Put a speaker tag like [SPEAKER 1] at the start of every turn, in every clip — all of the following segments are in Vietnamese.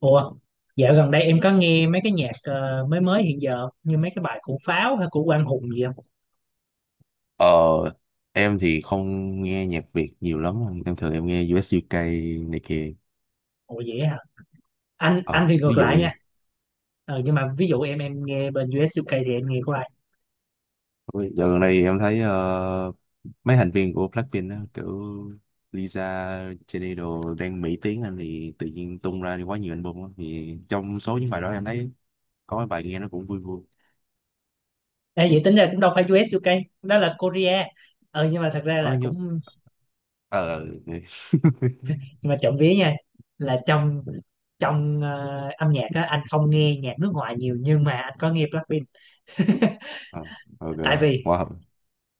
[SPEAKER 1] Ủa, dạo gần đây em có nghe mấy cái nhạc mới mới hiện giờ không? Như mấy cái bài của Pháo hay của Quang Hùng gì không?
[SPEAKER 2] Ờ, em thì không nghe nhạc Việt nhiều lắm, em thường nghe US UK này kia.
[SPEAKER 1] Ủa vậy hả? Anh
[SPEAKER 2] Ờ,
[SPEAKER 1] thì
[SPEAKER 2] Ví
[SPEAKER 1] ngược
[SPEAKER 2] dụ
[SPEAKER 1] lại nha.
[SPEAKER 2] như-
[SPEAKER 1] Ờ, nhưng mà ví dụ em nghe bên US UK thì em nghe của ai?
[SPEAKER 2] dạo gần đây em thấy mấy thành viên của Blackpink á, kiểu Lisa, Jennie đồ đang Mỹ tiếng anh thì tự nhiên tung ra quá nhiều album á. Thì trong số những bài đó em thấy có mấy bài nghe nó cũng vui vui.
[SPEAKER 1] Ê, vậy tính ra cũng đâu phải US UK, đó là Korea. Ờ nhưng mà thật ra
[SPEAKER 2] Ờ,
[SPEAKER 1] là
[SPEAKER 2] như...
[SPEAKER 1] cũng
[SPEAKER 2] Ờ,
[SPEAKER 1] nhưng mà trộm vía nha, là trong trong ờ, âm nhạc á, anh không nghe nhạc nước ngoài nhiều nhưng mà anh có nghe Blackpink,
[SPEAKER 2] Ờ, ok.
[SPEAKER 1] tại vì
[SPEAKER 2] Wow.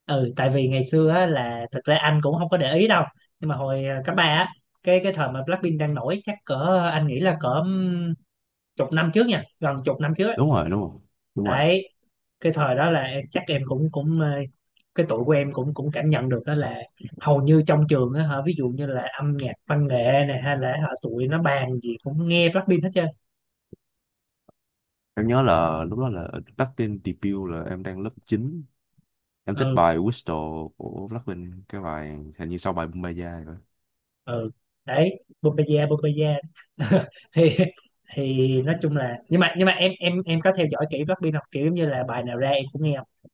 [SPEAKER 1] ừ tại vì ngày xưa á, là thực ra anh cũng không có để ý đâu. Nhưng mà hồi cấp ba á, cái thời mà Blackpink đang nổi, chắc cỡ anh nghĩ là cỡ chục năm trước nha, gần chục năm trước á.
[SPEAKER 2] Đúng rồi, đúng rồi, đúng rồi.
[SPEAKER 1] Đấy, cái thời đó là chắc em cũng cũng ờ, cái tuổi của em cũng cũng cảm nhận được đó là hầu như trong trường á hả, ví dụ như là âm nhạc văn nghệ này hay là hả, tụi nó bàn gì cũng nghe Blackpink hết trơn.
[SPEAKER 2] Em nhớ là lúc đó là Blackpink debut là em đang lớp 9. Em thích
[SPEAKER 1] Ừ,
[SPEAKER 2] bài Whistle của Blackpink, cái bài hình như sau bài Bumbaya rồi.
[SPEAKER 1] ừ, đấy, Bupeya Bupeya. thì thì nói chung là nhưng mà em có theo dõi kỹ rugby không, kiểu giống như là bài nào ra em cũng nghe không?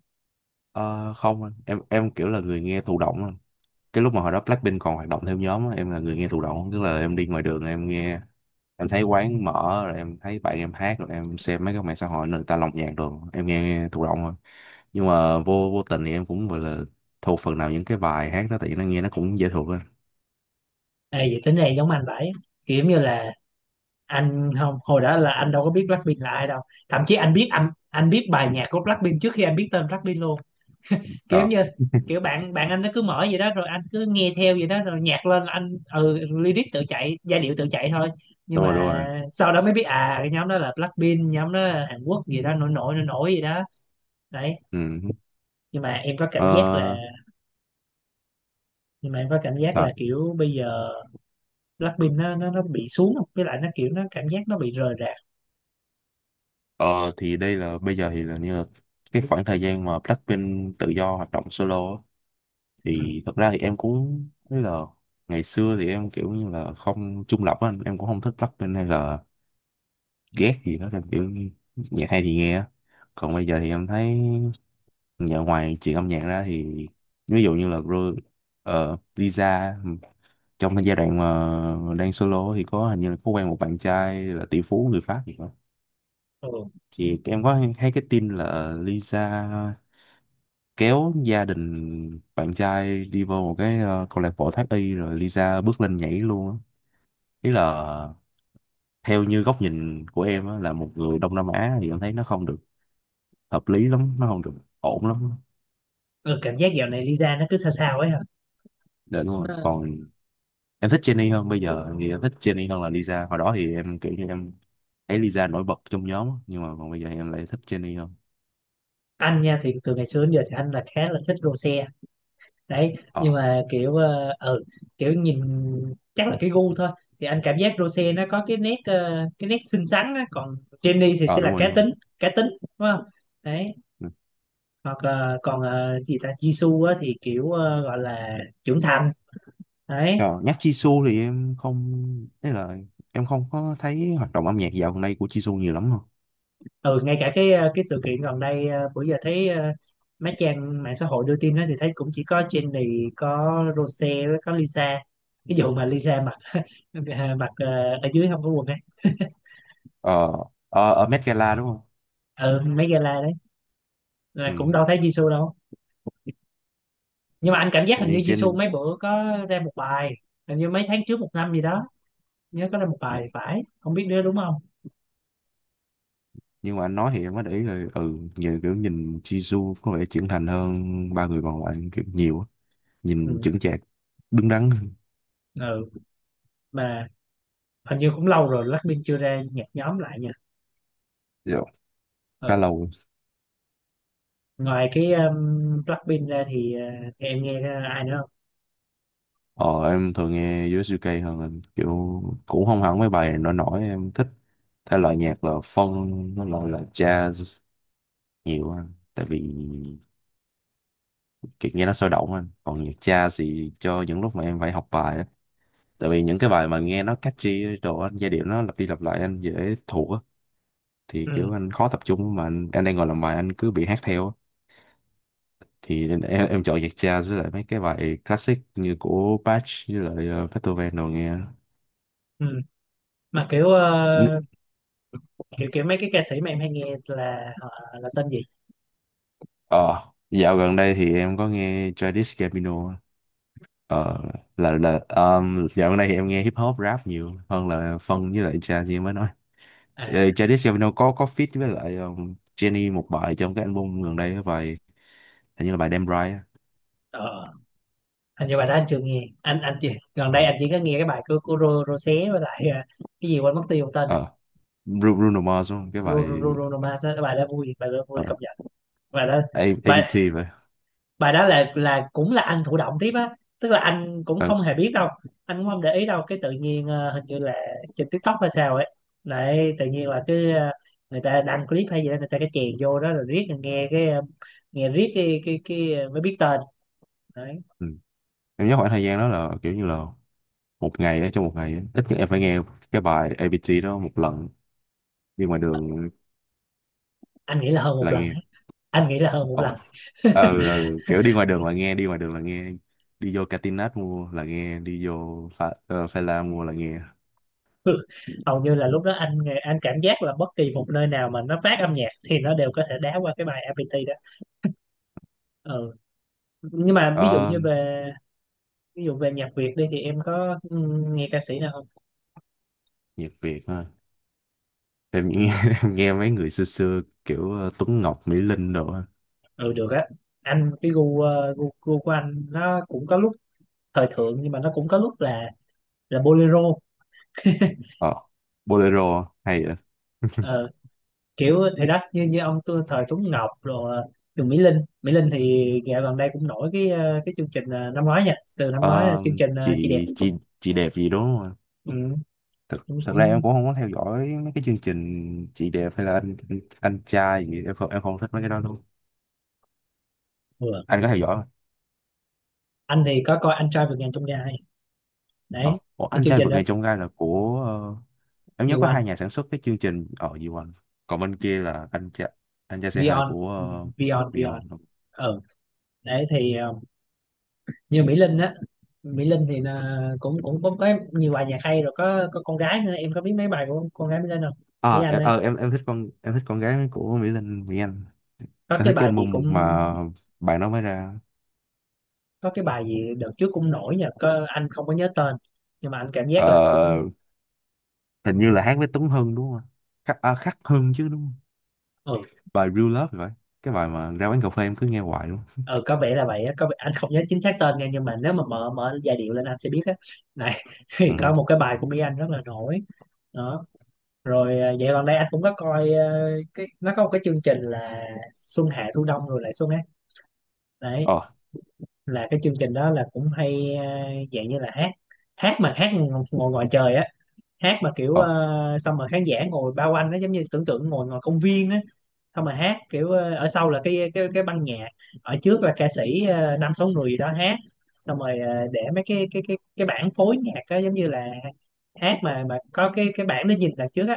[SPEAKER 2] Ờ, Không anh, em kiểu là người nghe thụ động anh. Cái lúc mà hồi đó Blackpink còn hoạt động theo nhóm á, em là người nghe thụ động, tức là em đi ngoài đường em nghe, em thấy quán mở rồi em thấy bạn em hát rồi em xem mấy cái mạng xã hội người ta lồng nhạc rồi em nghe thụ động thôi. Nhưng mà vô vô tình thì em cũng gọi là thuộc phần nào những cái bài hát đó tại vì nó nghe nó cũng dễ thuộc á.
[SPEAKER 1] Ê, vậy tính này giống anh vậy, kiểu giống như là anh không hồi đó là anh đâu có biết Blackpink là ai đâu, thậm chí anh biết bài nhạc của Blackpink trước khi anh biết tên Blackpink luôn. kiểu
[SPEAKER 2] Ờ,
[SPEAKER 1] như kiểu bạn bạn anh nó cứ mở vậy đó rồi anh cứ nghe theo vậy đó, rồi nhạc lên là anh lyric tự chạy, giai điệu tự chạy thôi. Nhưng
[SPEAKER 2] đúng rồi đúng
[SPEAKER 1] mà
[SPEAKER 2] rồi.
[SPEAKER 1] sau đó mới biết, à, cái nhóm đó là Blackpink, nhóm đó là Hàn Quốc gì đó, nổi nổi nổi nổi gì đó. Đấy.
[SPEAKER 2] Ừ.
[SPEAKER 1] Nhưng mà em có cảm giác là
[SPEAKER 2] Ờ,
[SPEAKER 1] nhưng mà em có cảm giác là
[SPEAKER 2] sao?
[SPEAKER 1] kiểu bây giờ Blackpink nó bị xuống, với lại nó kiểu nó cảm giác nó bị rời rạc.
[SPEAKER 2] Ờ thì đây là bây giờ thì là như là cái khoảng thời gian mà Blackpink tự do hoạt động solo á,
[SPEAKER 1] Ừ.
[SPEAKER 2] thì thật ra thì em cũng thấy là ngày xưa thì em kiểu như là không trung lập á anh. Em cũng không thích Blackpink hay là ghét gì đó, em kiểu như nhạc hay thì nghe á. Còn bây giờ thì em thấy nhờ ngoài chuyện âm nhạc ra thì ví dụ như là Lisa trong cái giai đoạn mà đang solo thì có hình như là có quen một bạn trai là tỷ phú người Pháp gì đó.
[SPEAKER 1] Ừ.
[SPEAKER 2] Thì em thấy cái tin là Lisa kéo gia đình bạn trai đi vô một cái câu lạc bộ thoát y rồi Lisa bước lên nhảy luôn á. Ý là theo như góc nhìn của em á, là một người Đông Nam Á thì em thấy nó không được hợp lý lắm, nó không được ổn lắm.
[SPEAKER 1] Ừ, cảm giác dạo này Lisa nó cứ sao sao ấy hả?
[SPEAKER 2] Để đúng rồi,
[SPEAKER 1] nó,
[SPEAKER 2] còn em thích Jennie hơn. Bây giờ thì em thích Jennie hơn là Lisa. Hồi đó thì em kiểu như em thấy Lisa nổi bật trong nhóm á, nhưng mà còn bây giờ em lại thích Jennie hơn.
[SPEAKER 1] anh nha, thì từ ngày xưa đến giờ thì anh là khá là thích Rosé. Đấy,
[SPEAKER 2] ờ
[SPEAKER 1] nhưng mà kiểu kiểu nhìn, chắc là cái gu thôi. Thì anh cảm giác Rose nó có cái nét cái nét xinh xắn á, còn Jennie thì
[SPEAKER 2] ờ
[SPEAKER 1] sẽ là
[SPEAKER 2] đúng
[SPEAKER 1] cá
[SPEAKER 2] rồi đúng rồi.
[SPEAKER 1] tính, cá tính đúng không. Đấy.
[SPEAKER 2] Ừ.
[SPEAKER 1] Hoặc là còn gì ta, Jisoo á thì kiểu gọi là trưởng thành. Đấy.
[SPEAKER 2] Ờ, nhắc Jisoo thì em không, ý là em không có thấy hoạt động âm nhạc dạo gần đây của Jisoo nhiều lắm.
[SPEAKER 1] Ừ, ngay cả cái cái sự kiện gần đây bữa giờ thấy mấy trang mạng xã hội đưa tin đó, thì thấy cũng chỉ có Jennie, có Rose với có Lisa, cái vụ mà Lisa mặc mặc ở dưới không có quần ấy.
[SPEAKER 2] ờ Ở, ở Met Gala đúng không.
[SPEAKER 1] Ừ, mấy gala đó, là cũng
[SPEAKER 2] Ừ.
[SPEAKER 1] đâu thấy Jisoo đâu. Nhưng mà anh cảm giác hình như
[SPEAKER 2] Như
[SPEAKER 1] Jisoo
[SPEAKER 2] trên.
[SPEAKER 1] mấy bữa có ra một bài, hình như mấy tháng trước, một năm gì đó, nhớ có ra một
[SPEAKER 2] Ừ.
[SPEAKER 1] bài thì phải, không biết nữa, đúng không.
[SPEAKER 2] Nhưng mà anh nói thì em mới để ý rồi, ừ nhiều, kiểu nhìn Jisoo có vẻ trưởng thành hơn ba người còn lại kiểu nhiều á. Nhìn
[SPEAKER 1] Ừ.
[SPEAKER 2] chững chạc, đứng đắn hơn.
[SPEAKER 1] Ừ, mà hình như cũng lâu rồi Blackpink chưa ra nhạc nhóm lại nha.
[SPEAKER 2] Dạ, khá
[SPEAKER 1] Ừ.
[SPEAKER 2] lâu rồi.
[SPEAKER 1] Ngoài cái Blackpink ra thì em nghe ai nữa không?
[SPEAKER 2] Ờ em thường nghe USUK hơn anh. Kiểu cũng không hẳn mấy bài nổi nổi em thích, thể loại nhạc là funk, nó loại là jazz nhiều anh. Tại vì kiểu nghe nó sôi động anh, còn nhạc jazz thì cho những lúc mà em phải học bài á. Tại vì những cái bài mà nghe nó catchy đồ anh, giai điệu nó lặp đi lặp lại anh dễ thuộc á, thì
[SPEAKER 1] Ừ.
[SPEAKER 2] kiểu anh khó tập trung mà anh đang ngồi làm bài anh cứ bị hát theo á. Thì em chọn nhạc jazz với lại mấy cái bài classic như của Bach với lại Beethoven đồ nghe.
[SPEAKER 1] Ừ. Mà kiểu
[SPEAKER 2] N-
[SPEAKER 1] kiểu kiểu mấy cái ca sĩ mà em hay nghe là họ là tên gì?
[SPEAKER 2] ờ Dạo gần đây thì em có nghe Childish Gambino á. Ờ là Dạo gần đây thì em nghe hip hop rap nhiều hơn là phân với lại jazz như em mới nói.
[SPEAKER 1] À,
[SPEAKER 2] Ờ, Childish Gambino có feat với lại Jenny một bài trong cái album gần đây, cái bài hình như là bài Damn Right á.
[SPEAKER 1] ờ, hình như bài đó anh chưa nghe. Anh chỉ gần đây,
[SPEAKER 2] Ờ,
[SPEAKER 1] anh chỉ có nghe cái bài của Rosé với lại cái gì quên mất tiêu tên.
[SPEAKER 2] ờ Bruno Mars đúng không? Cái bài
[SPEAKER 1] Bruno Mars á, bài đó vui, bài đó vui
[SPEAKER 2] ờ
[SPEAKER 1] công nhận. bài đó bài
[SPEAKER 2] ABT vậy.
[SPEAKER 1] bài đó là, cũng là anh thụ động tiếp á, tức là anh cũng
[SPEAKER 2] ờ
[SPEAKER 1] không hề biết đâu, anh cũng không để ý đâu, cái tự nhiên hình như là trên TikTok hay sao ấy. Đấy, tự nhiên là cái người ta đăng clip hay gì đó, người ta cái chèn vô đó rồi riết rồi nghe cái nghe riết mới biết tên. Đấy.
[SPEAKER 2] ừ. Em nhớ khoảng thời gian đó là kiểu như là một ngày á trong một ngày á, ít nhất em phải nghe cái bài A ABT đó một lần đi ngoài đường
[SPEAKER 1] Anh nghĩ là hơn một
[SPEAKER 2] là
[SPEAKER 1] lần,
[SPEAKER 2] nghe.
[SPEAKER 1] đấy, anh nghĩ là hơn một
[SPEAKER 2] ồ
[SPEAKER 1] lần.
[SPEAKER 2] ờ ờ, Kiểu đi ngoài đường là nghe, đi vô Catinat mua là nghe, đi vô Pha La mua là nghe.
[SPEAKER 1] Hầu như là lúc đó anh cảm giác là bất kỳ một nơi nào mà nó phát âm nhạc thì nó đều có thể đá qua cái bài APT đó. Ừ, nhưng mà
[SPEAKER 2] ờ
[SPEAKER 1] ví dụ về nhạc Việt đi, thì em có nghe ca sĩ nào không?
[SPEAKER 2] Nhạc Việt ha. Em nghe em nghe mấy người xưa xưa kiểu Tuấn Ngọc, Mỹ Linh đồ á.
[SPEAKER 1] Ừ được á. Anh cái gu, gu của anh nó cũng có lúc thời thượng, nhưng mà nó cũng có lúc là bolero.
[SPEAKER 2] ờ Bolero hay vậy.
[SPEAKER 1] Ờ, kiểu thì đó, như như ông thời Tuấn Ngọc rồi, Trường Mỹ Linh. Mỹ Linh thì dạo gần đây cũng nổi cái cái chương trình năm ngoái nha, từ năm ngoái là
[SPEAKER 2] Ờ,
[SPEAKER 1] chương trình Chị Đẹp.
[SPEAKER 2] chị chị đẹp gì đúng không ạ?
[SPEAKER 1] Ừ,
[SPEAKER 2] Thực
[SPEAKER 1] cũng
[SPEAKER 2] thật ra em
[SPEAKER 1] cũng
[SPEAKER 2] cũng không có theo dõi mấy cái chương trình chị đẹp hay là anh trai gì, em không thích mấy cái đó luôn.
[SPEAKER 1] vừa.
[SPEAKER 2] Anh có theo dõi không?
[SPEAKER 1] Anh thì có coi Anh Trai Vượt Ngàn Chông Gai.
[SPEAKER 2] Ờ,
[SPEAKER 1] Đấy,
[SPEAKER 2] ủa,
[SPEAKER 1] cái
[SPEAKER 2] anh
[SPEAKER 1] chương
[SPEAKER 2] trai
[SPEAKER 1] trình
[SPEAKER 2] vượt
[SPEAKER 1] đó
[SPEAKER 2] ngàn chông gai là của em nhớ
[SPEAKER 1] nhiều
[SPEAKER 2] có
[SPEAKER 1] anh.
[SPEAKER 2] hai nhà sản xuất cái chương trình ở gì quanh. Còn bên kia là anh trai c hai là
[SPEAKER 1] Vion
[SPEAKER 2] của
[SPEAKER 1] Vion Vion.
[SPEAKER 2] Beyond.
[SPEAKER 1] Ừ. Đấy, thì như Mỹ Linh á, Mỹ Linh thì là cũng cũng cũng có nhiều bài nhạc hay rồi, có con gái nữa, em có biết mấy bài của con gái Mỹ Linh không? Mỹ
[SPEAKER 2] À
[SPEAKER 1] Anh ấy,
[SPEAKER 2] em thích em thích con gái của Mỹ Linh, Mỹ Anh.
[SPEAKER 1] có
[SPEAKER 2] Em
[SPEAKER 1] cái
[SPEAKER 2] thích cái
[SPEAKER 1] bài gì
[SPEAKER 2] album
[SPEAKER 1] cũng
[SPEAKER 2] mà bạn đó mới ra.
[SPEAKER 1] có cái bài gì đợt trước cũng nổi nhờ, có anh không có nhớ tên nhưng mà anh cảm giác là
[SPEAKER 2] Ờ,
[SPEAKER 1] cũng.
[SPEAKER 2] hình như là hát với Tuấn Hưng đúng không ạ? Khắc, à, Khắc Hưng chứ đúng không?
[SPEAKER 1] Ừ,
[SPEAKER 2] Bài Real Love thì phải, cái bài mà ra quán cà phê em cứ nghe hoài luôn.
[SPEAKER 1] ừ có vẻ là vậy á, có vẻ, anh không nhớ chính xác tên nha, nhưng mà nếu mà mở mở giai điệu lên anh sẽ biết á. Này. Thì
[SPEAKER 2] Ừ.
[SPEAKER 1] có một cái bài của Mỹ Anh rất là nổi đó rồi. À, dạo gần đây anh cũng có coi cái, nó có một cái chương trình là Xuân Hạ Thu Đông Rồi Lại Xuân. Đấy,
[SPEAKER 2] ờ
[SPEAKER 1] là cái chương trình đó là cũng hay, dạng như là hát hát mà hát ngồi ngoài trời á, hát mà kiểu
[SPEAKER 2] ờ
[SPEAKER 1] xong mà khán giả ngồi bao quanh, nó giống như tưởng tượng ngồi ngoài công viên á. Xong mà hát kiểu ở sau là cái ban nhạc, ở trước là ca sĩ năm sáu người gì đó hát, xong rồi để mấy cái bảng phối nhạc á, giống như là hát mà có cái bảng để nhìn đằng trước á.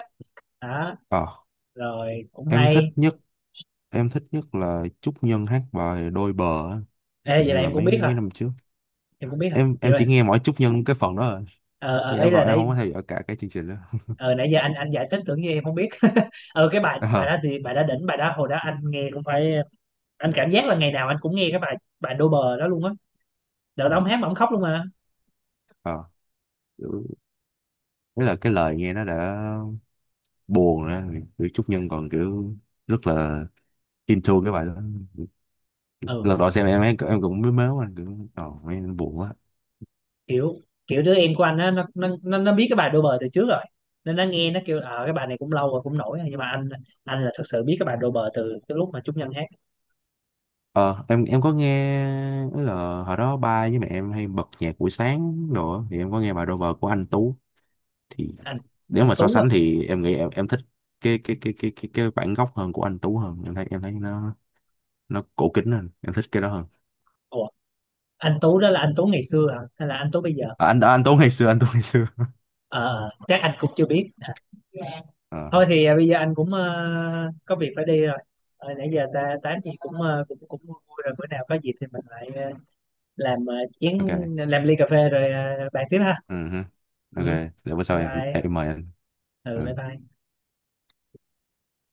[SPEAKER 1] Đó.
[SPEAKER 2] ờ
[SPEAKER 1] Rồi cũng
[SPEAKER 2] em thích
[SPEAKER 1] hay.
[SPEAKER 2] nhất, em thích nhất là Trúc Nhân hát bài Đôi Bờ á.
[SPEAKER 1] Ê,
[SPEAKER 2] Hình
[SPEAKER 1] vậy
[SPEAKER 2] như
[SPEAKER 1] là
[SPEAKER 2] là
[SPEAKER 1] em cũng
[SPEAKER 2] mấy
[SPEAKER 1] biết hả?
[SPEAKER 2] mấy năm trước
[SPEAKER 1] Vậy
[SPEAKER 2] em
[SPEAKER 1] mà.
[SPEAKER 2] chỉ nghe mỗi Trúc Nhân cái phần đó rồi.
[SPEAKER 1] Ờ
[SPEAKER 2] Thì
[SPEAKER 1] ờ, ý
[SPEAKER 2] em
[SPEAKER 1] là
[SPEAKER 2] gọi em
[SPEAKER 1] nãy
[SPEAKER 2] không có theo dõi cả cái chương trình đó.
[SPEAKER 1] ờ nãy giờ anh giải thích, tưởng như em không biết. Cái bài bài đó
[SPEAKER 2] ờ
[SPEAKER 1] thì bài đó đỉnh, bài đó hồi đó anh nghe cũng phải. Anh cảm giác là ngày nào anh cũng nghe cái bài bài đô bờ đó luôn á. Đợt đó
[SPEAKER 2] ờ
[SPEAKER 1] ông hát mà ông khóc luôn mà.
[SPEAKER 2] ờ. Kiểu- đấy là cái lời nghe nó đã buồn rồi á. Kiểu Trúc Nhân còn kiểu rất là into cái bài đó.
[SPEAKER 1] Ừ,
[SPEAKER 2] Lần đầu xem em cũng mới mếu anh, kiểu ờ nghe buồn quá.
[SPEAKER 1] kiểu kiểu đứa em của anh á, nó biết cái bài đô bờ từ trước rồi, nên nó nghe nó kêu cái bài này cũng lâu rồi cũng nổi rồi. Nhưng mà anh là thật sự biết cái bài đô bờ từ cái lúc mà Trúc Nhân hát.
[SPEAKER 2] Ờ, em có nghe, tức là hồi đó ba với mẹ em hay bật nhạc buổi sáng đồ á, thì em có nghe bài Rover của anh Tú. Thì
[SPEAKER 1] anh
[SPEAKER 2] nếu
[SPEAKER 1] anh
[SPEAKER 2] mà so
[SPEAKER 1] Tú à?
[SPEAKER 2] sánh thì em nghĩ em thích cái bản gốc hơn của anh Tú hơn, em thấy nó cổ kính hơn, em thích cái đó hơn.
[SPEAKER 1] Ủa, anh Tú đó là anh Tú ngày xưa à hay là anh Tú bây giờ?
[SPEAKER 2] Anh Tú ngày xưa, anh Tú ngày xưa.
[SPEAKER 1] Ờ, chắc anh cũng chưa biết.
[SPEAKER 2] Ờ,
[SPEAKER 1] Thôi thì, à, bây giờ anh cũng có việc phải đi rồi. Ờ, nãy giờ ta tám gì cũng cũng cũng vui vui rồi, bữa nào có dịp thì mình lại làm chén,
[SPEAKER 2] ok.
[SPEAKER 1] làm ly cà phê rồi bàn tiếp ha.
[SPEAKER 2] Ừ hứ. Ok,
[SPEAKER 1] Ừ,
[SPEAKER 2] để bữa
[SPEAKER 1] bye
[SPEAKER 2] sau
[SPEAKER 1] bye.
[SPEAKER 2] em mời anh.
[SPEAKER 1] Ừ, bye
[SPEAKER 2] Ừ.
[SPEAKER 1] bye.